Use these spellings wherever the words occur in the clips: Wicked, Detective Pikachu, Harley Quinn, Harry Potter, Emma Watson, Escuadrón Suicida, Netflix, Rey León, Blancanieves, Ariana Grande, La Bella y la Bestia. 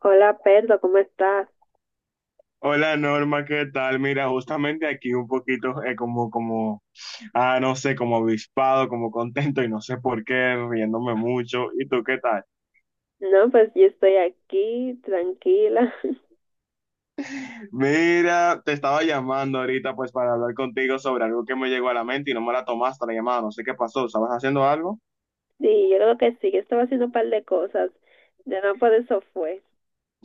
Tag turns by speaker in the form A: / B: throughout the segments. A: Hola Pedro, ¿cómo estás?
B: Hola Norma, ¿qué tal? Mira, justamente aquí un poquito como, no sé, como avispado, como contento y no sé por qué, riéndome mucho. ¿Y tú qué tal?
A: No, pues yo estoy aquí, tranquila.
B: Mira, te estaba llamando ahorita pues para hablar contigo sobre algo que me llegó a la mente y no me la tomaste la llamada, no sé qué pasó, ¿estabas haciendo algo?
A: Sí, yo creo que sí, yo estaba haciendo un par de cosas. Ya no por eso fue.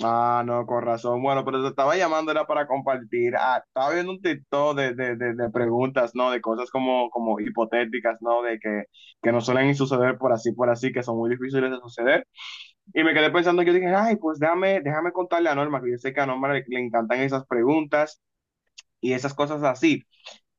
B: Ah, no, con razón. Bueno, pero te estaba llamando era para compartir. Ah, estaba viendo un TikTok de preguntas, ¿no? De cosas como hipotéticas, ¿no? De que no suelen suceder por así, que son muy difíciles de suceder. Y me quedé pensando, yo dije, ay, pues déjame contarle a Norma, que yo sé que a Norma le encantan esas preguntas y esas cosas así.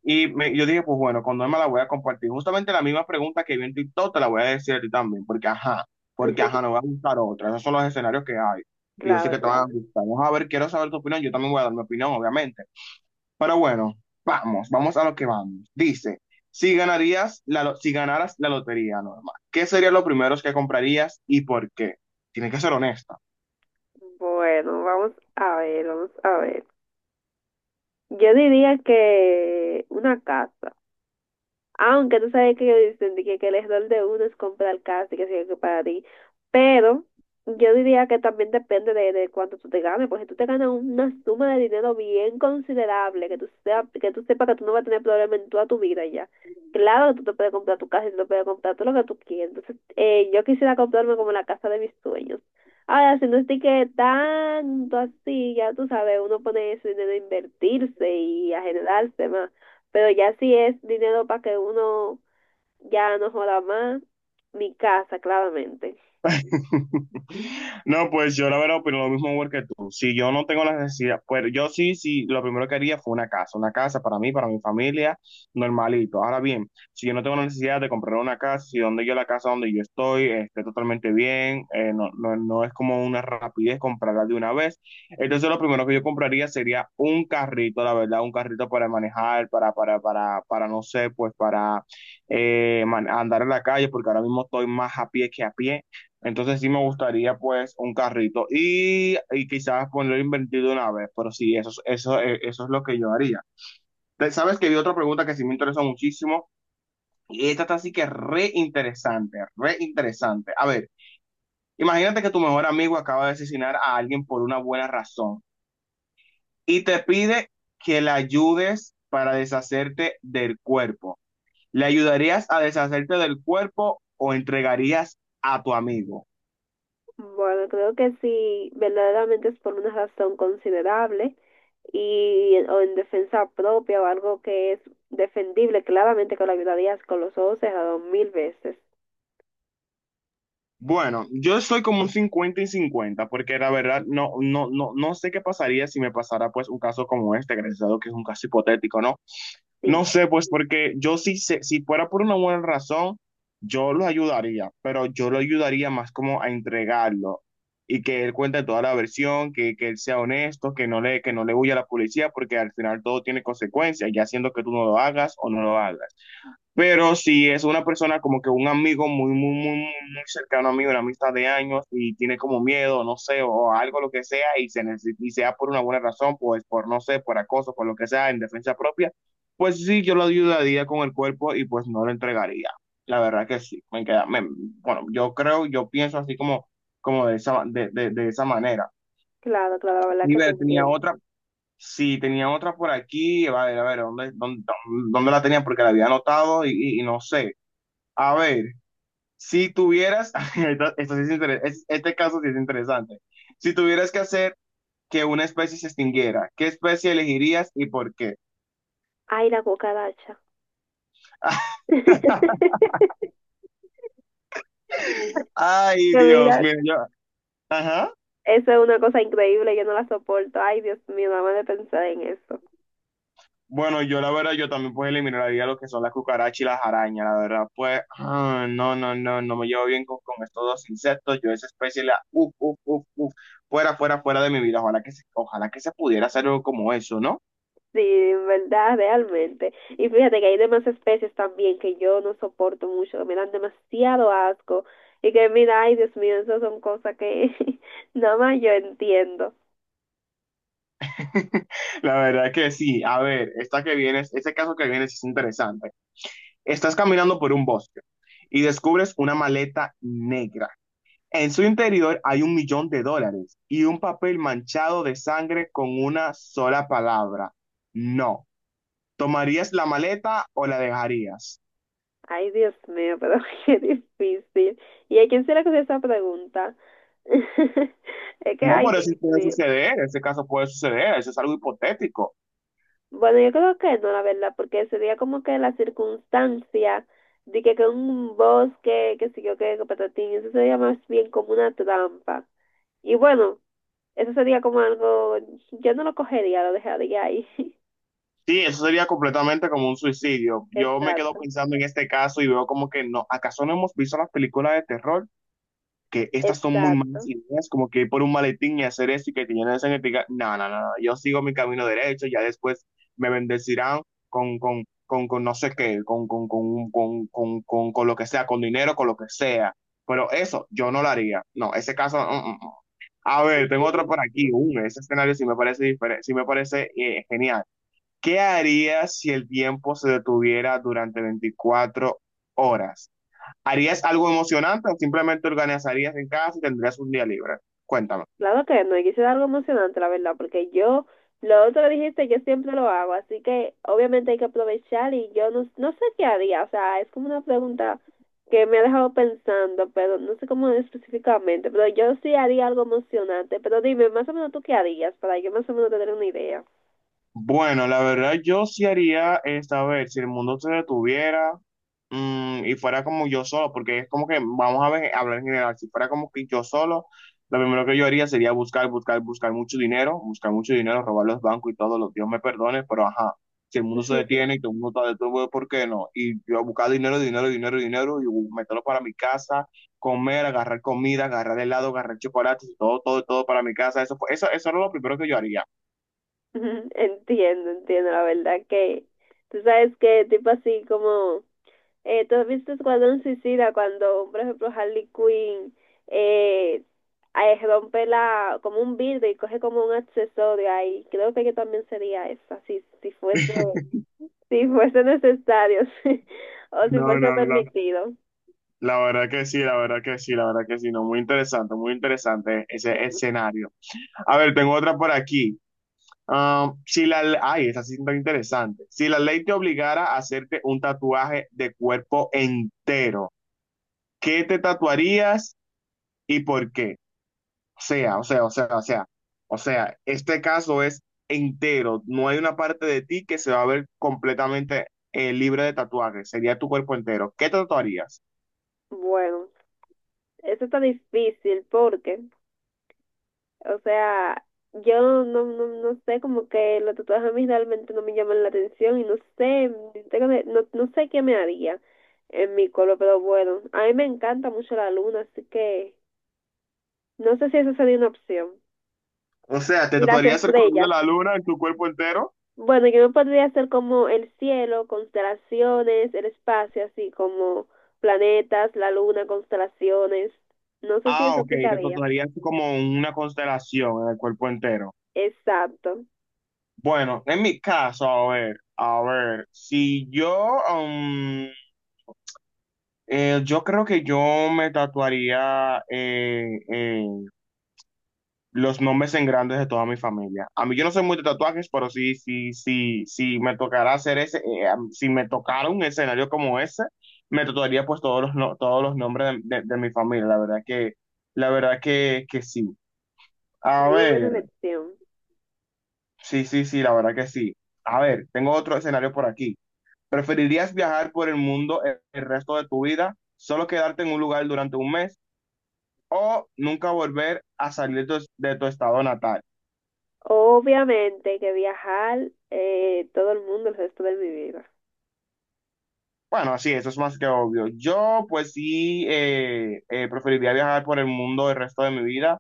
B: Y yo dije, pues bueno, con Norma la voy a compartir. Justamente la misma pregunta que vi en TikTok te la voy a decir a ti también, porque ajá, no va a gustar otra. Esos son los escenarios que hay. Y yo sé
A: Claro,
B: que te van a
A: claro.
B: gustar. Vamos a ver, quiero saber tu opinión. Yo también voy a dar mi opinión, obviamente. Pero bueno, vamos, vamos a lo que vamos. Dice, si ganaras la lotería, Norma, ¿qué serían los primeros que comprarías y por qué? Tienes que ser honesta.
A: Bueno, vamos a ver, vamos a ver. Yo diría que una casa. Aunque tú sabes que yo dicen de que, el error de uno es comprar casa y que sea que para ti. Pero yo diría que también depende de cuánto tú te ganes. Porque si tú te ganas una suma de dinero bien considerable, que tú, sea, que tú sepas que tú no vas a tener problema en toda tu vida ya. Claro que tú te puedes comprar tu casa y tú te puedes comprar todo lo que tú quieras. Entonces, yo quisiera comprarme como la casa de mis sueños. Ahora, si no estoy que tanto así, ya tú sabes, uno pone ese dinero a invertirse y a generarse más. Pero ya si es dinero para que uno ya no joda más, mi casa, claramente.
B: No, pues yo la verdad opino lo mismo igual que tú. Si yo no tengo la necesidad, pues yo sí, sí, lo primero que haría fue una casa para mí, para mi familia, normalito. Ahora bien, si yo no tengo la necesidad de comprar una casa, si donde yo la casa donde yo estoy esté totalmente bien, no, no, no es como una rapidez comprarla de una vez. Entonces lo primero que yo compraría sería un carrito, la verdad, un carrito para manejar, para, no sé, pues para andar en la calle, porque ahora mismo estoy más a pie que a pie. Entonces sí me gustaría pues un carrito y quizás ponerlo invertido de una vez, pero sí, eso es lo que yo haría. Sabes que vi otra pregunta que sí me interesó muchísimo y esta está así que re interesante, re interesante. A ver, imagínate que tu mejor amigo acaba de asesinar a alguien por una buena razón y te pide que le ayudes para deshacerte del cuerpo. ¿Le ayudarías a deshacerte del cuerpo o entregarías a tu amigo?
A: Bueno, creo que si verdaderamente es por una razón considerable y o en defensa propia o algo que es defendible, claramente que lo ayudarías con los ojos cerrados mil veces.
B: Bueno, yo soy como un 50/50 porque la verdad no, no, no, no sé qué pasaría si me pasara pues un caso como este, gracias a Dios que es un caso hipotético, ¿no? No
A: Sí,
B: sé, pues porque yo sí sé, si fuera por una buena razón, yo lo ayudaría, pero yo lo ayudaría más como a entregarlo y que él cuente toda la versión, que él sea honesto, que no le huya a la policía, porque al final todo tiene consecuencias, ya siendo que tú no lo hagas o no lo hagas. Pero si es una persona como que un amigo muy, muy, muy, muy muy cercano a mí, una amistad de años y tiene como miedo, no sé, o algo, lo que sea, y sea por una buena razón, pues por, no sé, por acoso, por lo que sea, en defensa propia, pues sí, yo lo ayudaría con el cuerpo y pues no lo entregaría. La verdad que sí, bueno, yo creo, yo pienso así como de esa manera.
A: claro, claro, la verdad
B: Y
A: que te
B: ver, tenía
A: entiendo.
B: otra, sí, tenía otra por aquí, a ver, ¿dónde la tenía? Porque la había anotado y no sé. A ver, si tuvieras, esto- esto sí es inter- es- este caso sí es interesante, si tuvieras que hacer que una especie se extinguiera, ¿qué especie elegirías y por qué?
A: Ay, la cucaracha.
B: Ay,
A: Que mira,
B: Dios, mira, yo, ajá.
A: eso es una cosa increíble, yo no la soporto. Ay, Dios mío, nada más de pensar en eso.
B: Bueno, yo la verdad, yo también pues eliminaría lo que son las cucarachas y las arañas, la verdad, pues, no, no, no, no me llevo bien con estos dos insectos, yo esa especie la, uf, uf, uf, uf, fuera, fuera, fuera de mi vida, ojalá que se pudiera hacer algo como eso, ¿no?
A: Sí, en verdad, realmente. Y fíjate que hay demás especies también que yo no soporto mucho, que me dan demasiado asco. Y que mira, ay Dios mío, esas son cosas que nada más yo entiendo.
B: La verdad que sí. A ver, esta que viene, este caso que viene sí es interesante. Estás caminando por un bosque y descubres una maleta negra. En su interior hay 1 millón de dólares y un papel manchado de sangre con una sola palabra. No. ¿Tomarías la maleta o la dejarías?
A: Ay Dios mío, pero qué difícil. ¿Y a quién se le ocurrió esa pregunta? Es que,
B: No,
A: ay
B: por eso
A: Dios
B: puede
A: mío.
B: suceder. Ese caso puede suceder. Eso es algo hipotético.
A: Bueno, yo creo que no, la verdad, porque sería como que la circunstancia de que un bosque, que sé yo qué, que patatín, eso sería más bien como una trampa. Y bueno, eso sería como algo, yo no lo cogería, lo dejaría ahí.
B: Sí, eso sería completamente como un suicidio. Yo me quedo
A: Exacto,
B: pensando en este caso y veo como que no, ¿acaso no hemos visto las películas de terror? Que estas son muy malas
A: exacto.
B: ideas, como que ir por un maletín y hacer eso y que te llenen de sangre. Y te diga, no, no, no, no, yo sigo mi camino derecho, ya después me bendecirán con no sé qué, con lo que sea, con dinero, con lo que sea. Pero eso yo no lo haría. No, ese caso, mm, mm, mm. A ver,
A: Sí
B: tengo otro por aquí.
A: mismo.
B: Ese escenario sí me parece diferente, sí me parece genial. ¿Qué harías si el tiempo se detuviera durante 24 horas? ¿Harías algo emocionante o simplemente organizarías en casa y tendrías un día libre? Cuéntame.
A: Claro que no, y quise dar algo emocionante, la verdad, porque yo, lo otro que dijiste, yo siempre lo hago, así que obviamente hay que aprovechar y yo no, no sé qué haría, o sea, es como una pregunta que me ha dejado pensando, pero no sé cómo específicamente, pero yo sí haría algo emocionante, pero dime, más o menos tú qué harías, para yo más o menos tener una idea.
B: Bueno, la verdad yo sí haría es, a ver, si el mundo se detuviera y fuera como yo solo, porque es como que, vamos a ver, hablar en general, si fuera como que yo solo, lo primero que yo haría sería buscar, buscar, buscar mucho dinero, robar los bancos y todo, los Dios me perdone, pero ajá, si el mundo se detiene y todo el mundo está detuvo, ¿por qué no? Y yo buscar dinero, dinero, dinero, dinero y meterlo para mi casa, comer, agarrar comida, agarrar helado, agarrar chocolates, todo, todo, todo para mi casa, eso era lo primero que yo haría.
A: Entiendo, entiendo, la verdad que tú sabes que tipo así como tú has visto Escuadrón Suicida cuando, por ejemplo, Harley Quinn eh, rompe la como un vidrio y coge como un accesorio ahí. Creo que yo también sería esa, si, si fuese, si fuese necesario, o si
B: No,
A: fuese
B: no, no.
A: permitido.
B: La verdad que sí, la verdad que sí, la verdad que sí. No, muy interesante ese
A: Ujú.
B: escenario. A ver, tengo otra por aquí. Ah, si la, le- ay, esa sí está interesante. Si la ley te obligara a hacerte un tatuaje de cuerpo entero, ¿qué te tatuarías y por qué? O sea, o sea, o sea, o sea, o sea, este caso es entero, no hay una parte de ti que se va a ver completamente libre de tatuajes, sería tu cuerpo entero. ¿Qué te tatuarías?
A: Bueno, eso está difícil porque o sea, yo no, no, no sé, como que los tatuajes a mí realmente no me llaman la atención y no sé, tengo de- no, no sé qué me haría en mi color, pero bueno, a mí me encanta mucho la luna, así que no sé si eso sería una opción.
B: O sea, ¿te
A: Y las
B: tatuarías el color de
A: estrellas.
B: la luna en tu cuerpo entero?
A: Bueno, yo me podría hacer como el cielo, constelaciones, el espacio, así como planetas, la luna, constelaciones. No sé si
B: Ah,
A: eso
B: ok, te
A: aplicaría.
B: tatuarías como una constelación en el cuerpo entero.
A: Exacto.
B: Bueno, en mi caso, a ver, si yo, yo creo que yo me tatuaría eh, los nombres en grandes de toda mi familia. A mí yo no soy muy de tatuajes, pero sí, sí, sí, sí me tocará hacer ese, si me tocara un escenario como ese, me tatuaría pues todos los, no- todos los nombres de mi familia. La verdad que, sí. A
A: Muy buena
B: ver,
A: elección.
B: sí, sí, sí, la verdad que sí. A ver, tengo otro escenario por aquí. ¿Preferirías viajar por el mundo el resto de tu vida, solo quedarte en un lugar durante un mes o nunca volver a salir de tu estado natal?
A: Obviamente que viajar todo el mundo el resto de mi vida.
B: Bueno, así, eso es más que obvio. Yo, pues sí, preferiría viajar por el mundo el resto de mi vida.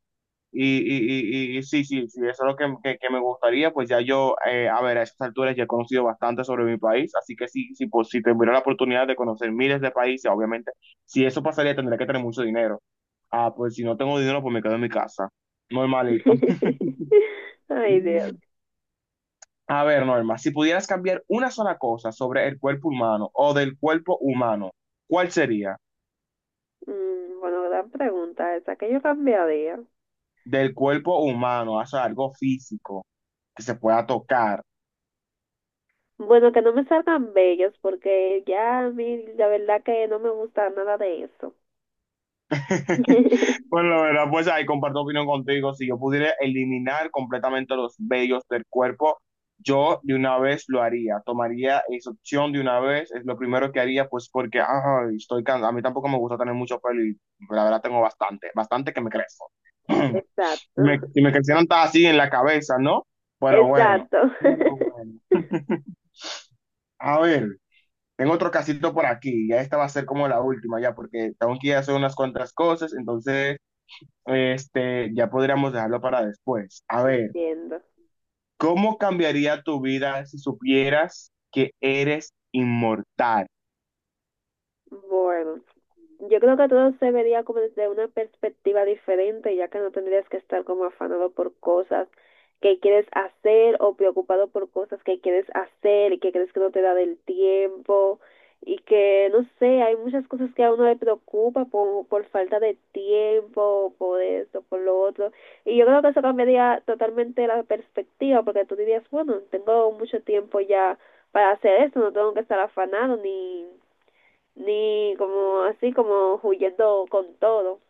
B: Y sí, sí, sí, eso es lo que me gustaría. Pues ya yo, a ver, a estas alturas ya he conocido bastante sobre mi país. Así que sí, sí, pues, si tuviera la oportunidad de conocer miles de países, obviamente, si eso pasaría, tendría que tener mucho dinero. Ah, pues si no tengo dinero, pues me quedo en mi casa. Normalito.
A: Ay, Dios.
B: A ver, Norma, si pudieras cambiar una sola cosa sobre el cuerpo humano o del cuerpo humano, ¿cuál sería?
A: Mm, bueno, gran pregunta esa, ¿que yo cambiaría?
B: Del cuerpo humano, o sea, algo físico que se pueda tocar.
A: Bueno, que no me salgan bellos porque ya a mí la verdad que no me gusta nada de eso.
B: Bueno, la verdad, pues ahí comparto opinión contigo. Si yo pudiera eliminar completamente los vellos del cuerpo, yo de una vez lo haría. Tomaría esa opción de una vez. Es lo primero que haría, pues porque ay, estoy cansado. A mí tampoco me gusta tener mucho pelo y la verdad tengo bastante, bastante que me crezco.
A: Exacto,
B: Y me crecieron hasta así en la cabeza, ¿no? Pero bueno.
A: exacto.
B: Pero bueno. A ver. Tengo otro casito por aquí, ya esta va a ser como la última ya, porque tengo que ir a hacer unas cuantas cosas, entonces este, ya podríamos dejarlo para después. A ver,
A: Entiendo.
B: ¿cómo cambiaría tu vida si supieras que eres inmortal?
A: Bueno, yo creo que todo se vería como desde una perspectiva diferente, ya que no tendrías que estar como afanado por cosas que quieres hacer o preocupado por cosas que quieres hacer y que crees que no te da del tiempo y que, no sé, hay muchas cosas que a uno le preocupa por falta de tiempo, por esto, por lo otro. Y yo creo que eso cambiaría totalmente la perspectiva, porque tú dirías, bueno, tengo mucho tiempo ya para hacer esto, no tengo que estar afanado ni como así como huyendo con todo.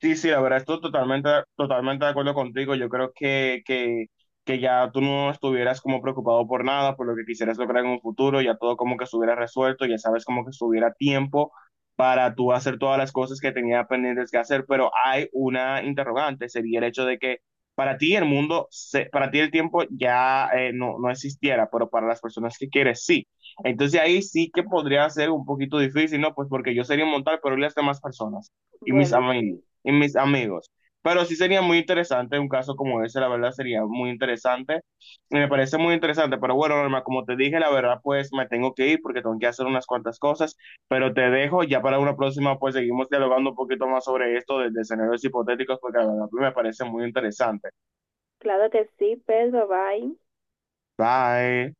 B: Sí, sí, la verdad, estoy totalmente, totalmente de acuerdo contigo. Yo creo que ya tú no estuvieras como preocupado por nada, por lo que quisieras lograr en un futuro, ya todo como que estuviera resuelto, ya sabes como que estuviera tiempo para tú hacer todas las cosas que tenía pendientes que hacer, pero hay una interrogante, sería el hecho de que para ti el tiempo ya no existiera, pero para las personas que quieres sí. Entonces ahí sí que podría ser un poquito difícil, ¿no? Pues porque yo sería inmortal, pero y las demás personas y mis
A: Bueno,
B: amigos
A: sí.
B: y mis amigos. Pero sí sería muy interesante un caso como ese, la verdad sería muy interesante. Y me parece muy interesante, pero bueno, Norma, como te dije, la verdad pues me tengo que ir porque tengo que hacer unas cuantas cosas, pero te dejo, ya para una próxima pues seguimos dialogando un poquito más sobre esto de escenarios hipotéticos porque la verdad pues, me parece muy interesante.
A: Claro que sí, Pedro, bye.
B: Bye.